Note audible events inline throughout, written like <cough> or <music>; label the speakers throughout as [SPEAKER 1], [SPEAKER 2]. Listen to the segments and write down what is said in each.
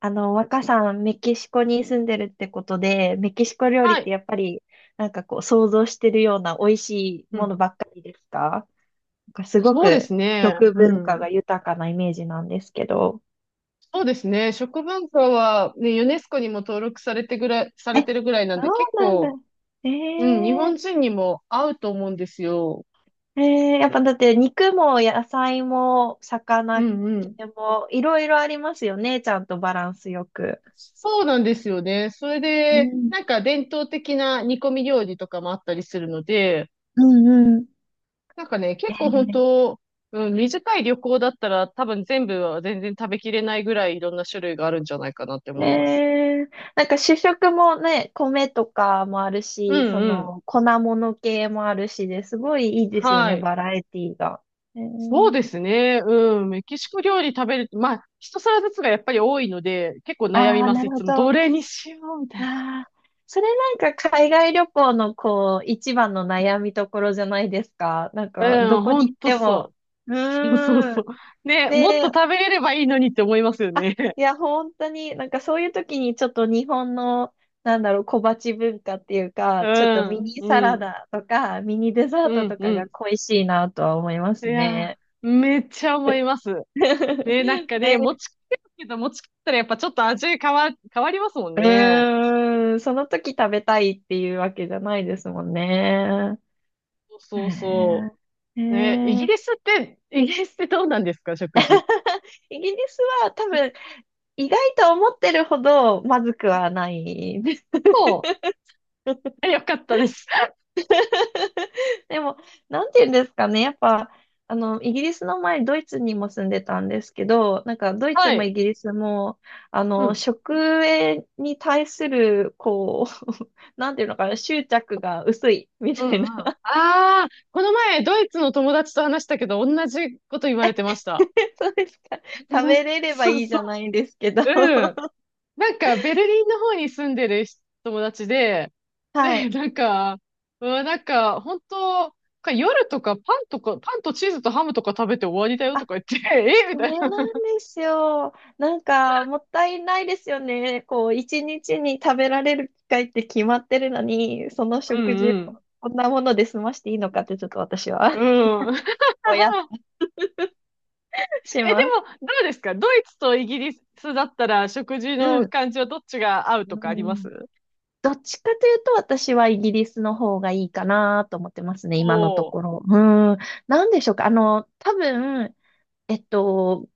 [SPEAKER 1] 若さん、メキシコに住んでるってことで、メキシコ料
[SPEAKER 2] は
[SPEAKER 1] 理って
[SPEAKER 2] い。
[SPEAKER 1] やっぱり、想像してるような美味しい
[SPEAKER 2] う
[SPEAKER 1] も
[SPEAKER 2] ん。
[SPEAKER 1] のばっかりですか？なんかすご
[SPEAKER 2] そうです
[SPEAKER 1] く
[SPEAKER 2] ね。
[SPEAKER 1] 食
[SPEAKER 2] う
[SPEAKER 1] 文化
[SPEAKER 2] ん。
[SPEAKER 1] が豊かなイメージなんですけど。
[SPEAKER 2] そうですね。食文化はね、ユネスコにも登録されてぐらい、さ
[SPEAKER 1] え、
[SPEAKER 2] れてるぐらいなん
[SPEAKER 1] そ
[SPEAKER 2] で、結
[SPEAKER 1] うなんだ。
[SPEAKER 2] 構、
[SPEAKER 1] え
[SPEAKER 2] うん、日
[SPEAKER 1] ー、
[SPEAKER 2] 本人にも合うと思うんですよ。
[SPEAKER 1] やっぱだって肉も野菜も
[SPEAKER 2] う
[SPEAKER 1] 魚系
[SPEAKER 2] んうん。
[SPEAKER 1] もいろいろありますよね。ちゃんとバランスよく。
[SPEAKER 2] そうなんですよね。それ
[SPEAKER 1] う
[SPEAKER 2] で、
[SPEAKER 1] ん、
[SPEAKER 2] なんか伝統的な煮込み料理とかもあったりするので、
[SPEAKER 1] うん、うん。
[SPEAKER 2] なんかね、
[SPEAKER 1] え
[SPEAKER 2] 結構本
[SPEAKER 1] ー
[SPEAKER 2] 当、うん、短い旅行だったら多分全部は全然食べきれないぐらいいろんな種類があるんじゃないかなって思
[SPEAKER 1] ね
[SPEAKER 2] います。
[SPEAKER 1] え、なんか主食もね、米とかもある
[SPEAKER 2] う
[SPEAKER 1] し、そ
[SPEAKER 2] んうん。
[SPEAKER 1] の粉物系もあるしで、すごいいいですよ
[SPEAKER 2] は
[SPEAKER 1] ね、
[SPEAKER 2] い。
[SPEAKER 1] バラエティが。え
[SPEAKER 2] そうですね。うん。メキシコ料理食べる、まあ、一皿ずつがやっぱり多いので、結構悩み
[SPEAKER 1] ああー、
[SPEAKER 2] ま
[SPEAKER 1] な
[SPEAKER 2] す。
[SPEAKER 1] る
[SPEAKER 2] い
[SPEAKER 1] ほ
[SPEAKER 2] つも、
[SPEAKER 1] ど。あ
[SPEAKER 2] どれにしようみたい
[SPEAKER 1] あ、それなんか海外旅行のこう、一番の悩みところじゃないですか。なん
[SPEAKER 2] な。
[SPEAKER 1] か、ど
[SPEAKER 2] うん、
[SPEAKER 1] こ
[SPEAKER 2] ほ
[SPEAKER 1] に
[SPEAKER 2] ん
[SPEAKER 1] 行っ
[SPEAKER 2] と
[SPEAKER 1] ても。
[SPEAKER 2] そう。
[SPEAKER 1] う
[SPEAKER 2] <laughs> そうそう
[SPEAKER 1] ー
[SPEAKER 2] そ
[SPEAKER 1] ん。
[SPEAKER 2] う。ね、もっと
[SPEAKER 1] ね、
[SPEAKER 2] 食べれればいいのにって思いますよね。
[SPEAKER 1] い
[SPEAKER 2] <laughs>
[SPEAKER 1] や、本当に、なんかそういう時にちょっと日本の、なんだろう、小鉢文化っていう
[SPEAKER 2] う
[SPEAKER 1] か、ちょっとミ
[SPEAKER 2] ん、
[SPEAKER 1] ニサ
[SPEAKER 2] う
[SPEAKER 1] ラ
[SPEAKER 2] ん、
[SPEAKER 1] ダとか、ミニデザ
[SPEAKER 2] う
[SPEAKER 1] ート
[SPEAKER 2] ん、
[SPEAKER 1] と
[SPEAKER 2] う
[SPEAKER 1] かが
[SPEAKER 2] ん。
[SPEAKER 1] 恋しいなとは思いま
[SPEAKER 2] い
[SPEAKER 1] す
[SPEAKER 2] や
[SPEAKER 1] ね。
[SPEAKER 2] ー、めっちゃ思います。ね、なん
[SPEAKER 1] <laughs>
[SPEAKER 2] か
[SPEAKER 1] ね、
[SPEAKER 2] ね、持ち帰るけど、持ち帰ったらやっぱちょっと味変わ、変わりますもんね。
[SPEAKER 1] うーん、その時食べたいっていうわけじゃないですもんね。
[SPEAKER 2] そうそ
[SPEAKER 1] へ
[SPEAKER 2] う。
[SPEAKER 1] え。へ
[SPEAKER 2] ね、イギ
[SPEAKER 1] え。
[SPEAKER 2] リスって、イギリスってどうなんですか、食事。
[SPEAKER 1] <laughs> イギリスは多分、意外と思ってるほどまずくはない。
[SPEAKER 2] そう。えよかったです。
[SPEAKER 1] <laughs> でも、なんて言うんですかね。やっぱ、イギリスの前、ドイツにも住んでたんですけど、なんか、ドイ
[SPEAKER 2] は
[SPEAKER 1] ツも
[SPEAKER 2] い。
[SPEAKER 1] イギリスも、
[SPEAKER 2] うん。
[SPEAKER 1] 食へに対する、こう、<laughs> なんていうのかな、執着が薄い、み
[SPEAKER 2] うんうん。
[SPEAKER 1] たい
[SPEAKER 2] あ
[SPEAKER 1] な。
[SPEAKER 2] あ、この前、ドイツの友達と話したけど、同じこと言われてました。
[SPEAKER 1] <laughs> そうですか。食べ
[SPEAKER 2] <laughs>
[SPEAKER 1] れれば
[SPEAKER 2] そう
[SPEAKER 1] いいじ
[SPEAKER 2] そ
[SPEAKER 1] ゃないんですけど。
[SPEAKER 2] う。うん。
[SPEAKER 1] <laughs>
[SPEAKER 2] なんか、ベルリンの方に住んでる友達で、
[SPEAKER 1] は
[SPEAKER 2] で、
[SPEAKER 1] い。
[SPEAKER 2] なんか、うわ、なんか、本当、か夜とかパンとか、パンとチーズとハムとか食べて終わりだよとか言って、<laughs> えみ
[SPEAKER 1] そ
[SPEAKER 2] たい
[SPEAKER 1] れな
[SPEAKER 2] な。
[SPEAKER 1] んですよ。なんか、もったいないですよね。こう、一日に食べられる機会って決まってるのに、その
[SPEAKER 2] う
[SPEAKER 1] 食事を
[SPEAKER 2] ん
[SPEAKER 1] こんなもので済ましていいのかって、ちょっと私は
[SPEAKER 2] う
[SPEAKER 1] <laughs>
[SPEAKER 2] ん。うん。
[SPEAKER 1] ぼやっ
[SPEAKER 2] <laughs>
[SPEAKER 1] とし
[SPEAKER 2] え、で
[SPEAKER 1] ま
[SPEAKER 2] も、
[SPEAKER 1] す。
[SPEAKER 2] どうですかドイツとイギリスだったら食事
[SPEAKER 1] う
[SPEAKER 2] の
[SPEAKER 1] ん。
[SPEAKER 2] 感じはどっちが合う
[SPEAKER 1] う
[SPEAKER 2] とかあります？
[SPEAKER 1] ん。どっちかというと、私はイギリスの方がいいかなと思ってますね、
[SPEAKER 2] お
[SPEAKER 1] 今のと
[SPEAKER 2] お
[SPEAKER 1] こ
[SPEAKER 2] ー。
[SPEAKER 1] ろ。うん。なんでしょうか。あの、多分、えっと、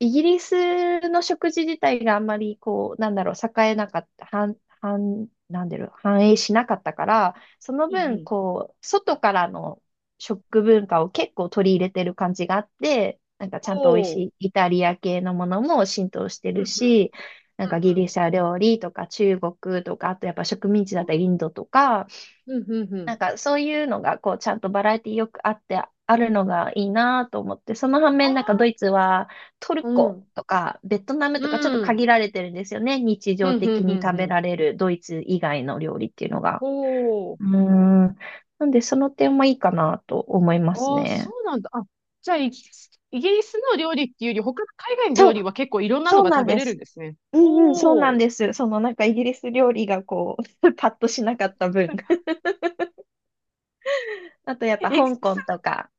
[SPEAKER 1] イギリスの食事自体があんまりこう、なんだろう、栄えなかった、繁、繁、なんだろう、繁栄しなかったから、その
[SPEAKER 2] うん
[SPEAKER 1] 分、
[SPEAKER 2] うん。
[SPEAKER 1] こう、外からの食文化を結構取り入れてる感じがあって、なんかちゃんと美味し
[SPEAKER 2] おお。
[SPEAKER 1] いイタリア系のものも浸透してるし、なんかギリシャ料理とか中国とか、あとやっぱ植民地だったりインドとか、なんかそういうのがこうちゃんとバラエティよくあってあるのがいいなと思って、その反面なんかドイツはトルコとかベトナムとかちょっと限られてるんですよね。日
[SPEAKER 2] う
[SPEAKER 1] 常
[SPEAKER 2] んう
[SPEAKER 1] 的
[SPEAKER 2] んう
[SPEAKER 1] に
[SPEAKER 2] ん
[SPEAKER 1] 食
[SPEAKER 2] う
[SPEAKER 1] べ
[SPEAKER 2] ん。
[SPEAKER 1] られるドイツ以外の料理っていうのが。
[SPEAKER 2] お
[SPEAKER 1] うー
[SPEAKER 2] ー。
[SPEAKER 1] ん。なんでその点もいいかなと思いま
[SPEAKER 2] ああ、う
[SPEAKER 1] す
[SPEAKER 2] んうんうんうんうんうん、おお。ああそ
[SPEAKER 1] ね。
[SPEAKER 2] うなんだ。あ、じゃあイギリスの料理っていうより、他の海外の
[SPEAKER 1] そ
[SPEAKER 2] 料理
[SPEAKER 1] う、
[SPEAKER 2] は結構いろんな
[SPEAKER 1] そ
[SPEAKER 2] の
[SPEAKER 1] う
[SPEAKER 2] が
[SPEAKER 1] なん
[SPEAKER 2] 食べ
[SPEAKER 1] で
[SPEAKER 2] れるん
[SPEAKER 1] す。
[SPEAKER 2] ですね。
[SPEAKER 1] うんうん、そうな
[SPEAKER 2] お
[SPEAKER 1] ん
[SPEAKER 2] ー。
[SPEAKER 1] です。そのなんかイギリス料理がこう、<laughs> パッとしなかった分。<laughs> あとやっぱ
[SPEAKER 2] え、
[SPEAKER 1] 香港とか、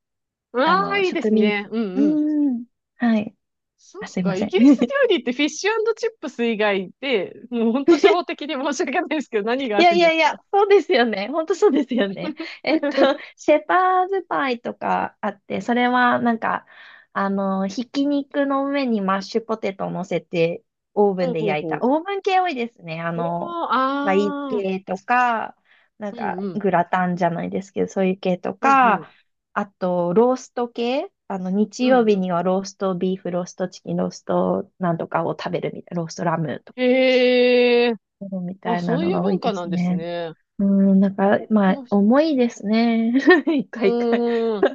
[SPEAKER 2] う
[SPEAKER 1] あ
[SPEAKER 2] わあ、
[SPEAKER 1] の、
[SPEAKER 2] いいで
[SPEAKER 1] 植
[SPEAKER 2] す
[SPEAKER 1] 民
[SPEAKER 2] ね。
[SPEAKER 1] 地。
[SPEAKER 2] うんうん。
[SPEAKER 1] うん。はい。
[SPEAKER 2] そ
[SPEAKER 1] あ、
[SPEAKER 2] っ
[SPEAKER 1] すいま
[SPEAKER 2] か、
[SPEAKER 1] せ
[SPEAKER 2] イ
[SPEAKER 1] ん。
[SPEAKER 2] ギリス料理ってフィッシュチップス以外で、もう本当初歩
[SPEAKER 1] <laughs>
[SPEAKER 2] 的に申し訳ないですけど、何が
[SPEAKER 1] い
[SPEAKER 2] あ
[SPEAKER 1] や
[SPEAKER 2] るん
[SPEAKER 1] い
[SPEAKER 2] で
[SPEAKER 1] や
[SPEAKER 2] す
[SPEAKER 1] いや、
[SPEAKER 2] か？
[SPEAKER 1] そうですよね。本当そうですよね。<laughs> えっと、
[SPEAKER 2] <laughs>
[SPEAKER 1] シェパーズパイとかあって、それはなんか、あの、ひき肉の上にマッシュポテトを乗せて、オーブン
[SPEAKER 2] ほう
[SPEAKER 1] で
[SPEAKER 2] ほう
[SPEAKER 1] 焼いた。
[SPEAKER 2] ほ
[SPEAKER 1] オーブン系多いですね。あ
[SPEAKER 2] う。
[SPEAKER 1] の、
[SPEAKER 2] おー、
[SPEAKER 1] パイ
[SPEAKER 2] あ、
[SPEAKER 1] 系とか、なん
[SPEAKER 2] うん
[SPEAKER 1] か、
[SPEAKER 2] うん。
[SPEAKER 1] グラタンじゃないですけど、そういう系と
[SPEAKER 2] うんうん。
[SPEAKER 1] か、あと、ロースト系。あの、日
[SPEAKER 2] うん
[SPEAKER 1] 曜日
[SPEAKER 2] う
[SPEAKER 1] にはローストビーフ、ローストチキン、ローストなんとかを食べるみたいな、ローストラム
[SPEAKER 2] ん。へえ。
[SPEAKER 1] そうみ
[SPEAKER 2] あ、
[SPEAKER 1] たいな
[SPEAKER 2] そう
[SPEAKER 1] の
[SPEAKER 2] いう
[SPEAKER 1] が多
[SPEAKER 2] 文
[SPEAKER 1] いで
[SPEAKER 2] 化な
[SPEAKER 1] す
[SPEAKER 2] んです
[SPEAKER 1] ね。
[SPEAKER 2] ね。
[SPEAKER 1] うん、なんか、まあ、
[SPEAKER 2] もし、
[SPEAKER 1] 重いですね。<laughs> 一回一回。
[SPEAKER 2] うーん、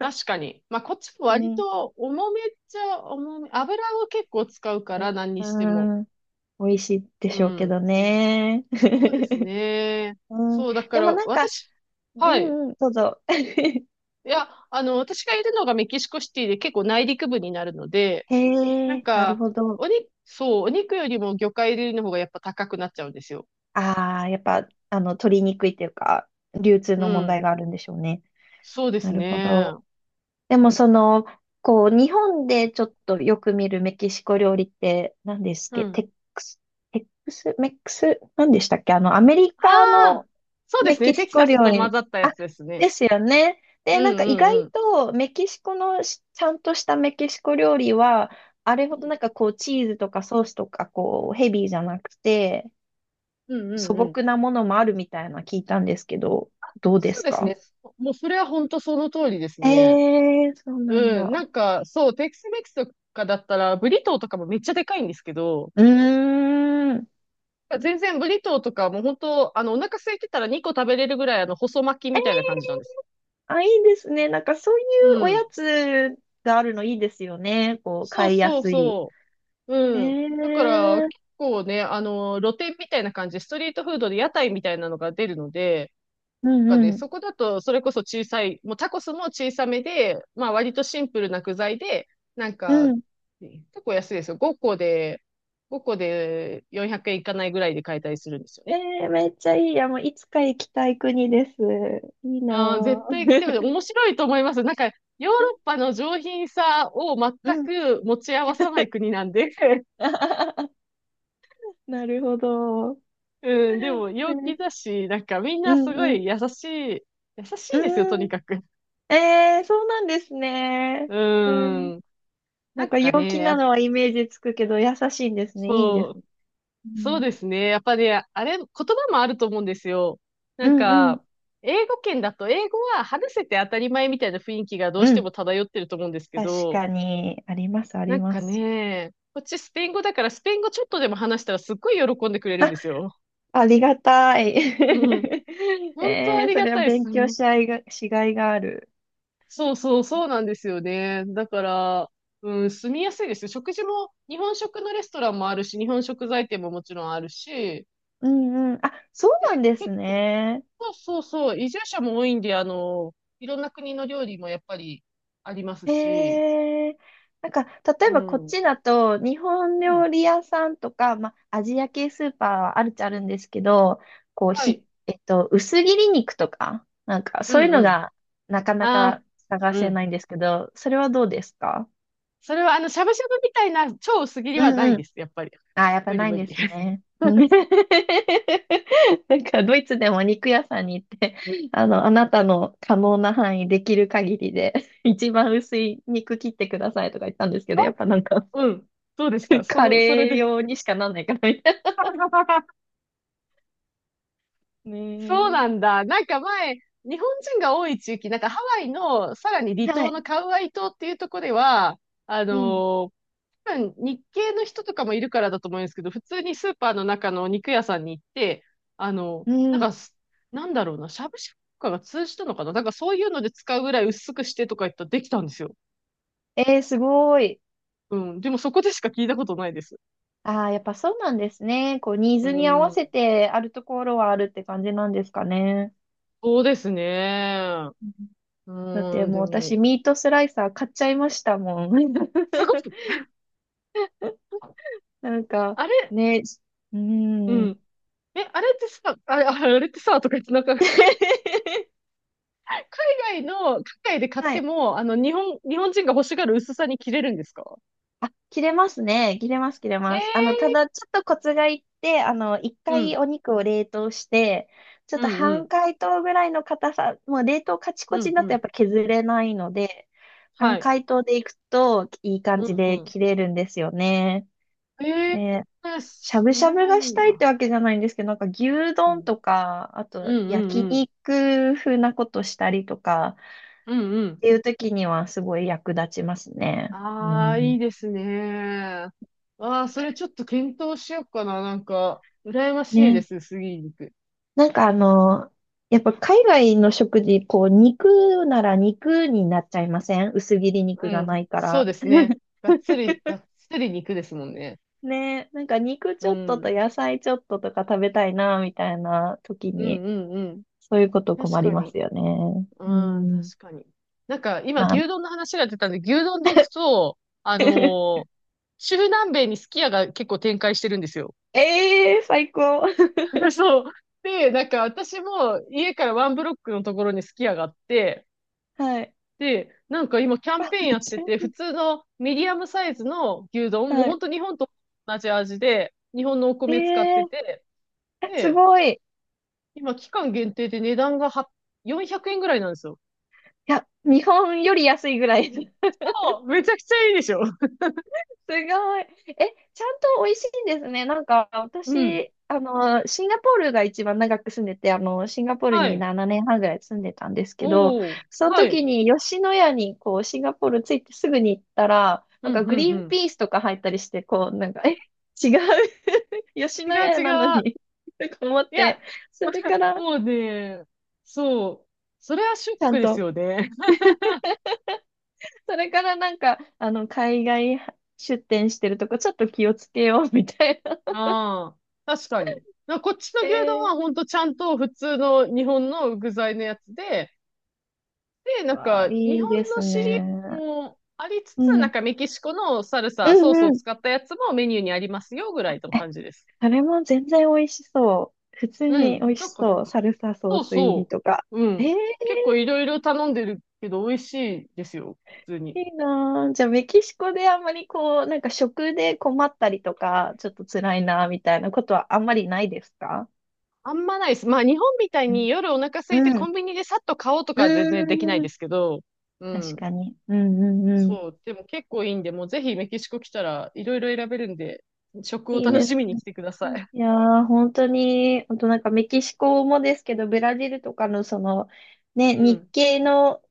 [SPEAKER 2] 確かに。まあ、こっちも
[SPEAKER 1] う
[SPEAKER 2] 割
[SPEAKER 1] ん、
[SPEAKER 2] と重めっちゃ重め。油を結構使うから、何に
[SPEAKER 1] う
[SPEAKER 2] しても。
[SPEAKER 1] ん、美味しいで
[SPEAKER 2] う
[SPEAKER 1] しょうけ
[SPEAKER 2] ん。
[SPEAKER 1] どね。
[SPEAKER 2] そうです
[SPEAKER 1] <laughs>
[SPEAKER 2] ね。
[SPEAKER 1] うん、
[SPEAKER 2] そう、だか
[SPEAKER 1] でも
[SPEAKER 2] ら、
[SPEAKER 1] なんか、
[SPEAKER 2] 私、
[SPEAKER 1] う
[SPEAKER 2] はい、
[SPEAKER 1] んうん、どうぞ。<laughs>
[SPEAKER 2] いや、あの、私がいるのがメキシコシティで結構内陸部になるので、な
[SPEAKER 1] へ
[SPEAKER 2] ん
[SPEAKER 1] え、なる
[SPEAKER 2] か、
[SPEAKER 1] ほど。
[SPEAKER 2] お肉、そう、お肉よりも魚介類の方がやっぱ高くなっちゃうんですよ。
[SPEAKER 1] ああ、やっぱ、あの、取りにくいというか、流通
[SPEAKER 2] う
[SPEAKER 1] の問
[SPEAKER 2] ん。
[SPEAKER 1] 題があるんでしょうね。
[SPEAKER 2] そうで
[SPEAKER 1] な
[SPEAKER 2] す
[SPEAKER 1] るほ
[SPEAKER 2] ね。
[SPEAKER 1] ど。でもその、こう、日本でちょっとよく見るメキシコ料理って何ですっ
[SPEAKER 2] う
[SPEAKER 1] け？
[SPEAKER 2] ん。
[SPEAKER 1] クス、テックス、メックス、何でしたっけあの、アメリ
[SPEAKER 2] あ
[SPEAKER 1] カ
[SPEAKER 2] あ、
[SPEAKER 1] の
[SPEAKER 2] そうで
[SPEAKER 1] メ
[SPEAKER 2] すね。
[SPEAKER 1] キ
[SPEAKER 2] テ
[SPEAKER 1] シ
[SPEAKER 2] キ
[SPEAKER 1] コ
[SPEAKER 2] サス
[SPEAKER 1] 料
[SPEAKER 2] と混
[SPEAKER 1] 理。
[SPEAKER 2] ざったや
[SPEAKER 1] あ、
[SPEAKER 2] つですね。
[SPEAKER 1] ですよね。
[SPEAKER 2] う
[SPEAKER 1] で、
[SPEAKER 2] んう
[SPEAKER 1] なんか意外
[SPEAKER 2] んうん。
[SPEAKER 1] とメキシコのちゃんとしたメキシコ料理は、あれほどなんかこう、チーズとかソースとかこう、ヘビーじゃなくて、
[SPEAKER 2] うんうん
[SPEAKER 1] 素
[SPEAKER 2] うんうん。
[SPEAKER 1] 朴なものもあるみたいな聞いたんですけど、どうで
[SPEAKER 2] そう
[SPEAKER 1] す
[SPEAKER 2] です
[SPEAKER 1] か？
[SPEAKER 2] ね。もうそれは本当その通りです
[SPEAKER 1] え
[SPEAKER 2] ね。
[SPEAKER 1] えー、そうなん
[SPEAKER 2] うん。な
[SPEAKER 1] だ。
[SPEAKER 2] んか、そう、テキスメキスとかだったら、ブリトーとかもめっちゃでかいんですけど、
[SPEAKER 1] うーん。
[SPEAKER 2] 全然ブリトーとかもう本当、あの、お腹空いてたら2個食べれるぐらい、あの、細巻きみたい
[SPEAKER 1] え
[SPEAKER 2] な感じなんです。
[SPEAKER 1] あ、いいですね。なんかそうい
[SPEAKER 2] う
[SPEAKER 1] うおや
[SPEAKER 2] ん。
[SPEAKER 1] つがあるのいいですよね。こう、
[SPEAKER 2] そう
[SPEAKER 1] 買いや
[SPEAKER 2] そう
[SPEAKER 1] すい。
[SPEAKER 2] そう。
[SPEAKER 1] え
[SPEAKER 2] うん。だから、
[SPEAKER 1] ー、
[SPEAKER 2] 結構ね、あの、露店みたいな感じで、ストリートフードで屋台みたいなのが出るので、
[SPEAKER 1] うん
[SPEAKER 2] かね、
[SPEAKER 1] うん。
[SPEAKER 2] そこだと、それこそ小さい、もうタコスも小さめで、まあ割とシンプルな具材で、なん
[SPEAKER 1] う
[SPEAKER 2] か、
[SPEAKER 1] ん。
[SPEAKER 2] 結構安いですよ。5個で、5個で400円いかないぐらいで買えたりするんですよね。
[SPEAKER 1] えー、めっちゃいい。いや、もういつか行きたい国です。いい
[SPEAKER 2] ああ、
[SPEAKER 1] な
[SPEAKER 2] 絶対来てる。
[SPEAKER 1] ぁ。
[SPEAKER 2] 面白いと思います。なんか、ヨーロッ
[SPEAKER 1] <laughs>
[SPEAKER 2] パの上品さを全
[SPEAKER 1] うん。
[SPEAKER 2] く持ち合わさない国なんで。<laughs>
[SPEAKER 1] <laughs> なるほど。
[SPEAKER 2] うん、でも
[SPEAKER 1] え
[SPEAKER 2] 陽気
[SPEAKER 1] ー
[SPEAKER 2] だし、なんかみん
[SPEAKER 1] う
[SPEAKER 2] なす
[SPEAKER 1] ん
[SPEAKER 2] ご
[SPEAKER 1] うん。
[SPEAKER 2] い優しいんですよ、と
[SPEAKER 1] う
[SPEAKER 2] に
[SPEAKER 1] ん。
[SPEAKER 2] かく。
[SPEAKER 1] えー、そうなんですね。うん。
[SPEAKER 2] うん。
[SPEAKER 1] な
[SPEAKER 2] な
[SPEAKER 1] ん
[SPEAKER 2] ん
[SPEAKER 1] か
[SPEAKER 2] か
[SPEAKER 1] 陽
[SPEAKER 2] ね、
[SPEAKER 1] 気
[SPEAKER 2] やっ
[SPEAKER 1] な
[SPEAKER 2] ぱ、
[SPEAKER 1] のはイメージつくけど、優しいんですね。いいです。
[SPEAKER 2] そう、
[SPEAKER 1] う
[SPEAKER 2] そう
[SPEAKER 1] ん。
[SPEAKER 2] ですね。やっぱね、あれ、言葉もあると思うんですよ。な
[SPEAKER 1] う
[SPEAKER 2] ん
[SPEAKER 1] んうん。
[SPEAKER 2] か、英語圏だと英語は話せて当たり前みたいな雰囲気がどうし
[SPEAKER 1] う
[SPEAKER 2] て
[SPEAKER 1] ん。
[SPEAKER 2] も漂ってると思うんですけ
[SPEAKER 1] 確
[SPEAKER 2] ど、
[SPEAKER 1] かに、あります、あ
[SPEAKER 2] な
[SPEAKER 1] り
[SPEAKER 2] ん
[SPEAKER 1] ま
[SPEAKER 2] か
[SPEAKER 1] す。
[SPEAKER 2] ね、こっちスペイン語だからスペイン語ちょっとでも話したらすっごい喜んでくれるんですよ。
[SPEAKER 1] ありがたい。<laughs>
[SPEAKER 2] うん。本当あ
[SPEAKER 1] えー、
[SPEAKER 2] り
[SPEAKER 1] そ
[SPEAKER 2] が
[SPEAKER 1] れは
[SPEAKER 2] たいで
[SPEAKER 1] 勉
[SPEAKER 2] す。
[SPEAKER 1] 強
[SPEAKER 2] うん。
[SPEAKER 1] しがいが、しがいがある。
[SPEAKER 2] そうそう、そうなんですよね。だから、うん、住みやすいですよ。食事も、日本食のレストランもあるし、日本食材店ももちろんあるし、
[SPEAKER 1] うんうん。あ、そうな
[SPEAKER 2] で、
[SPEAKER 1] んです
[SPEAKER 2] 結、
[SPEAKER 1] ね。
[SPEAKER 2] そうそうそう、移住者も多いんで、あの、いろんな国の料理もやっぱりありますし、
[SPEAKER 1] へえなんか、例
[SPEAKER 2] う
[SPEAKER 1] えばこっ
[SPEAKER 2] ん。う
[SPEAKER 1] ちだと、日本
[SPEAKER 2] ん。
[SPEAKER 1] 料理屋さんとか、まあ、アジア系スーパーはあるっちゃあるんですけど、こう、
[SPEAKER 2] は
[SPEAKER 1] ひ、
[SPEAKER 2] い。
[SPEAKER 1] えっと、薄切り肉とか、なんか、
[SPEAKER 2] う
[SPEAKER 1] そういう
[SPEAKER 2] んう
[SPEAKER 1] の
[SPEAKER 2] ん。
[SPEAKER 1] がなかな
[SPEAKER 2] あ
[SPEAKER 1] か
[SPEAKER 2] あ、
[SPEAKER 1] 探
[SPEAKER 2] う
[SPEAKER 1] せな
[SPEAKER 2] ん。
[SPEAKER 1] いんですけど、それはどうですか？
[SPEAKER 2] それは、あの、しゃぶしゃぶみたいな超薄切りはない
[SPEAKER 1] うん
[SPEAKER 2] です、やっぱり。
[SPEAKER 1] あ、やっぱ
[SPEAKER 2] 無理
[SPEAKER 1] ないん
[SPEAKER 2] 無
[SPEAKER 1] で
[SPEAKER 2] 理。
[SPEAKER 1] すね。<laughs> な
[SPEAKER 2] <laughs>
[SPEAKER 1] んか、ドイツでも肉屋さんに行って、あの、あなたの可能な範囲、できる限りで、<laughs> 一番薄い肉切ってくださいとか言ったんですけ
[SPEAKER 2] あ、
[SPEAKER 1] ど、やっぱなんか、
[SPEAKER 2] うん。どうですか
[SPEAKER 1] <laughs>
[SPEAKER 2] そ
[SPEAKER 1] カ
[SPEAKER 2] の、それ
[SPEAKER 1] レー
[SPEAKER 2] で。
[SPEAKER 1] 用にしかなんないからみたい
[SPEAKER 2] <laughs>
[SPEAKER 1] な。
[SPEAKER 2] そう
[SPEAKER 1] ね
[SPEAKER 2] なんだ。なんか前、日本人が多い地域、なんかハワイのさらに離
[SPEAKER 1] え。は
[SPEAKER 2] 島の
[SPEAKER 1] い。
[SPEAKER 2] カウアイ島っていうところでは、あ
[SPEAKER 1] うん。
[SPEAKER 2] の、多分日系の人とかもいるからだと思うんですけど、普通にスーパーの中の肉屋さんに行って、あの、
[SPEAKER 1] う
[SPEAKER 2] なん
[SPEAKER 1] ん。
[SPEAKER 2] かす、なんだろうな、しゃぶしゃぶとかが通じたのかな、なんかそういうので使うぐらい薄くしてとか言ったらできたんですよ。
[SPEAKER 1] えー、すごい。
[SPEAKER 2] うん。でもそこでしか聞いたことないです。
[SPEAKER 1] ああ、やっぱそうなんですね。こう、ニー
[SPEAKER 2] う
[SPEAKER 1] ズに合わせ
[SPEAKER 2] ん。
[SPEAKER 1] てあるところはあるって感じなんですかね。
[SPEAKER 2] そうですね。
[SPEAKER 1] うん
[SPEAKER 2] う
[SPEAKER 1] だって
[SPEAKER 2] ん、
[SPEAKER 1] も
[SPEAKER 2] で
[SPEAKER 1] う
[SPEAKER 2] も、
[SPEAKER 1] 私、ミートスライサー買っちゃいましたもん。<laughs>
[SPEAKER 2] すごく、
[SPEAKER 1] なんか、
[SPEAKER 2] あれ、
[SPEAKER 1] ね、う
[SPEAKER 2] う
[SPEAKER 1] ーん。
[SPEAKER 2] ん。え、あれってさ、あれ、ああれってさ、とか言って、なんか、
[SPEAKER 1] <laughs>
[SPEAKER 2] 海外で買っ
[SPEAKER 1] は
[SPEAKER 2] て
[SPEAKER 1] い。
[SPEAKER 2] も、あの、日本人が欲しがる薄さに切れるんですか？
[SPEAKER 1] あ、切れますね。切れます、切れ
[SPEAKER 2] へ
[SPEAKER 1] ます。あの、た
[SPEAKER 2] え、
[SPEAKER 1] だ、ちょっとコツがいって、あの、一
[SPEAKER 2] う
[SPEAKER 1] 回
[SPEAKER 2] ん。
[SPEAKER 1] お肉を冷凍して、ちょっ
[SPEAKER 2] う
[SPEAKER 1] と
[SPEAKER 2] んう
[SPEAKER 1] 半
[SPEAKER 2] ん。
[SPEAKER 1] 解凍ぐらいの硬さ、もう冷凍カチコ
[SPEAKER 2] う
[SPEAKER 1] チ
[SPEAKER 2] ん
[SPEAKER 1] にな
[SPEAKER 2] う
[SPEAKER 1] ってやっ
[SPEAKER 2] ん。
[SPEAKER 1] ぱ削れないので、
[SPEAKER 2] は
[SPEAKER 1] 半
[SPEAKER 2] い。
[SPEAKER 1] 解凍でいくといい感
[SPEAKER 2] う
[SPEAKER 1] じ
[SPEAKER 2] ん
[SPEAKER 1] で
[SPEAKER 2] う
[SPEAKER 1] 切れるんですよね。
[SPEAKER 2] ん。え
[SPEAKER 1] えー
[SPEAKER 2] ー、
[SPEAKER 1] しゃぶし
[SPEAKER 2] そ
[SPEAKER 1] ゃ
[SPEAKER 2] れ
[SPEAKER 1] ぶ
[SPEAKER 2] はい
[SPEAKER 1] が
[SPEAKER 2] い
[SPEAKER 1] したいって
[SPEAKER 2] な。
[SPEAKER 1] わけじゃないんですけど、なんか牛
[SPEAKER 2] う
[SPEAKER 1] 丼
[SPEAKER 2] ん。
[SPEAKER 1] とか、あ
[SPEAKER 2] う
[SPEAKER 1] と
[SPEAKER 2] んうん
[SPEAKER 1] 焼
[SPEAKER 2] うん。
[SPEAKER 1] 肉風なことしたりとか、
[SPEAKER 2] うんう
[SPEAKER 1] っ
[SPEAKER 2] ん。
[SPEAKER 1] ていう時にはすごい役立ちますね。う
[SPEAKER 2] ああ、い
[SPEAKER 1] ん。
[SPEAKER 2] いですね。ああ、それちょっと検討しようかな。なんか、羨ましいで
[SPEAKER 1] ね。
[SPEAKER 2] す、杉肉。
[SPEAKER 1] なんかあの、やっぱ海外の食事、こう、肉なら肉になっちゃいません？薄切り
[SPEAKER 2] う
[SPEAKER 1] 肉が
[SPEAKER 2] ん。
[SPEAKER 1] ないか
[SPEAKER 2] そう
[SPEAKER 1] ら。
[SPEAKER 2] ですね。がっつり肉ですもんね。
[SPEAKER 1] ね。なんか肉
[SPEAKER 2] う
[SPEAKER 1] ちょっとと
[SPEAKER 2] ん。
[SPEAKER 1] 野菜ちょっととか食べたいな、みたいな時
[SPEAKER 2] うん
[SPEAKER 1] に、
[SPEAKER 2] うんうん。
[SPEAKER 1] そういうこと困
[SPEAKER 2] 確
[SPEAKER 1] り
[SPEAKER 2] か
[SPEAKER 1] ま
[SPEAKER 2] に。
[SPEAKER 1] すよね。
[SPEAKER 2] う
[SPEAKER 1] う
[SPEAKER 2] ん、
[SPEAKER 1] ん。
[SPEAKER 2] 確かに。なんか、今、
[SPEAKER 1] まあ。
[SPEAKER 2] 牛丼の話が出たんで、牛丼で行くと、あ
[SPEAKER 1] <laughs>
[SPEAKER 2] のー、中南米にすき家が結構展開してるんですよ。
[SPEAKER 1] ええー、最高。<laughs>
[SPEAKER 2] <laughs> そう。で、なんか、私も家からワンブロックのところにすき家があって、
[SPEAKER 1] はい。
[SPEAKER 2] で、なんか今、キャ
[SPEAKER 1] <laughs>
[SPEAKER 2] ン
[SPEAKER 1] あ
[SPEAKER 2] ペーン
[SPEAKER 1] め
[SPEAKER 2] や
[SPEAKER 1] っ
[SPEAKER 2] って
[SPEAKER 1] ちゃ、
[SPEAKER 2] て、普通のミディアムサイズの牛丼、もう
[SPEAKER 1] はい。
[SPEAKER 2] 本当日本と同じ味で、日本のお
[SPEAKER 1] え
[SPEAKER 2] 米使って
[SPEAKER 1] え
[SPEAKER 2] て、
[SPEAKER 1] ー、す
[SPEAKER 2] で、
[SPEAKER 1] ごい。い
[SPEAKER 2] 今、期間限定で値段がは400円ぐらいなんですよ。
[SPEAKER 1] や、日本より安いぐらい。
[SPEAKER 2] そうめちゃくちゃいいでしょ。<laughs>
[SPEAKER 1] すごい。え、ちゃんと美味しいんですね。なんか、
[SPEAKER 2] うん。
[SPEAKER 1] 私、あの、シンガポールが一番長く住んでて、あの、シンガポール
[SPEAKER 2] は
[SPEAKER 1] に
[SPEAKER 2] い。
[SPEAKER 1] 7年半ぐらい住んでたんですけど、
[SPEAKER 2] おお、
[SPEAKER 1] その
[SPEAKER 2] はい。
[SPEAKER 1] 時に吉野家に、こう、シンガポール着いてすぐに行ったら、
[SPEAKER 2] う
[SPEAKER 1] なん
[SPEAKER 2] ん、
[SPEAKER 1] か
[SPEAKER 2] う
[SPEAKER 1] グ
[SPEAKER 2] ん、
[SPEAKER 1] リ
[SPEAKER 2] う
[SPEAKER 1] ーン
[SPEAKER 2] ん。
[SPEAKER 1] ピースとか入ったりして、こう、なんか、え、違う <laughs> 吉
[SPEAKER 2] 違
[SPEAKER 1] 野
[SPEAKER 2] う、
[SPEAKER 1] 家なの
[SPEAKER 2] 違う。
[SPEAKER 1] に <laughs> とか思っ
[SPEAKER 2] い
[SPEAKER 1] て、
[SPEAKER 2] や、
[SPEAKER 1] それか
[SPEAKER 2] <laughs>
[SPEAKER 1] ら、
[SPEAKER 2] もうね、そう。それはショッ
[SPEAKER 1] ちゃ
[SPEAKER 2] ク
[SPEAKER 1] ん
[SPEAKER 2] です
[SPEAKER 1] と、
[SPEAKER 2] よね。
[SPEAKER 1] それからなんか、あの、海外出店してるとこ、ちょっと気をつけようみたいな。
[SPEAKER 2] <laughs> ああ、確かに。な、こっちの
[SPEAKER 1] え
[SPEAKER 2] 牛丼
[SPEAKER 1] ー
[SPEAKER 2] はほんとちゃんと普通の日本の具材のやつで、で、なん
[SPEAKER 1] わ
[SPEAKER 2] か
[SPEAKER 1] あ、
[SPEAKER 2] 日
[SPEAKER 1] いいで
[SPEAKER 2] 本の
[SPEAKER 1] す
[SPEAKER 2] シリーズ
[SPEAKER 1] ね。
[SPEAKER 2] もありつ
[SPEAKER 1] う
[SPEAKER 2] つ、
[SPEAKER 1] ん。
[SPEAKER 2] なん
[SPEAKER 1] う
[SPEAKER 2] かメキシコのサル
[SPEAKER 1] ん
[SPEAKER 2] サ、ソースを
[SPEAKER 1] うん。
[SPEAKER 2] 使ったやつもメニューにありますよぐらいの感じです。
[SPEAKER 1] あれも全然美味しそう。普通
[SPEAKER 2] う
[SPEAKER 1] に美
[SPEAKER 2] ん。
[SPEAKER 1] 味
[SPEAKER 2] な
[SPEAKER 1] し
[SPEAKER 2] んか、
[SPEAKER 1] そう。サルサソ
[SPEAKER 2] そ
[SPEAKER 1] ー
[SPEAKER 2] う
[SPEAKER 1] ス入り
[SPEAKER 2] そ
[SPEAKER 1] とか。
[SPEAKER 2] う。う
[SPEAKER 1] ええ
[SPEAKER 2] ん。結構いろいろ頼んでるけど、美味しいですよ。普通
[SPEAKER 1] い
[SPEAKER 2] に。
[SPEAKER 1] いなあじゃあ、メキシコであんまりこう、なんか食で困ったりとか、ちょっと辛いな、みたいなことはあんまりないですか？
[SPEAKER 2] あんまないです。まあ、日本みたい
[SPEAKER 1] う
[SPEAKER 2] に夜お腹空いて
[SPEAKER 1] ん。う
[SPEAKER 2] コ
[SPEAKER 1] ん。
[SPEAKER 2] ンビニでさっと買おうと
[SPEAKER 1] う
[SPEAKER 2] かは全然できない
[SPEAKER 1] ー
[SPEAKER 2] で
[SPEAKER 1] ん。
[SPEAKER 2] すけど、う
[SPEAKER 1] 確
[SPEAKER 2] ん。
[SPEAKER 1] かに。うんうんうん。
[SPEAKER 2] そう。でも結構いいんで、もうぜひメキシコ来たらいろいろ選べるんで、食を
[SPEAKER 1] いい
[SPEAKER 2] 楽
[SPEAKER 1] で
[SPEAKER 2] し
[SPEAKER 1] す
[SPEAKER 2] みに
[SPEAKER 1] ね。
[SPEAKER 2] 来てください。
[SPEAKER 1] いやー、本当に、あとなんかメキシコもですけど、ブラジルとかのその、ね、
[SPEAKER 2] う
[SPEAKER 1] 日
[SPEAKER 2] ん。
[SPEAKER 1] 系の、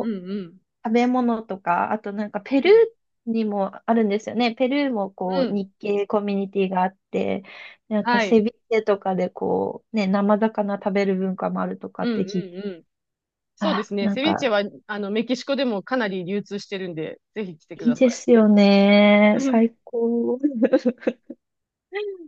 [SPEAKER 2] うん
[SPEAKER 1] う、
[SPEAKER 2] うん。
[SPEAKER 1] 食べ物とか、あとなんかペ
[SPEAKER 2] う
[SPEAKER 1] ル
[SPEAKER 2] ん。
[SPEAKER 1] ーにもあるんですよね。ペルーも
[SPEAKER 2] う
[SPEAKER 1] こう、
[SPEAKER 2] ん。
[SPEAKER 1] 日系コミュニティがあって、なんか
[SPEAKER 2] は
[SPEAKER 1] セ
[SPEAKER 2] い。
[SPEAKER 1] ビチェとかでこう、ね、生魚食べる文化もあるとか
[SPEAKER 2] う
[SPEAKER 1] っ
[SPEAKER 2] んう
[SPEAKER 1] て
[SPEAKER 2] ん
[SPEAKER 1] 聞いて、
[SPEAKER 2] うん。そうで
[SPEAKER 1] あ、
[SPEAKER 2] すね。
[SPEAKER 1] なん
[SPEAKER 2] セビーチェ
[SPEAKER 1] か、
[SPEAKER 2] は、あの、メキシコでもかなり流通してるんで、ぜひ来てく
[SPEAKER 1] いい
[SPEAKER 2] だ
[SPEAKER 1] で
[SPEAKER 2] さい。
[SPEAKER 1] すよね。
[SPEAKER 2] うん
[SPEAKER 1] 最高。<laughs>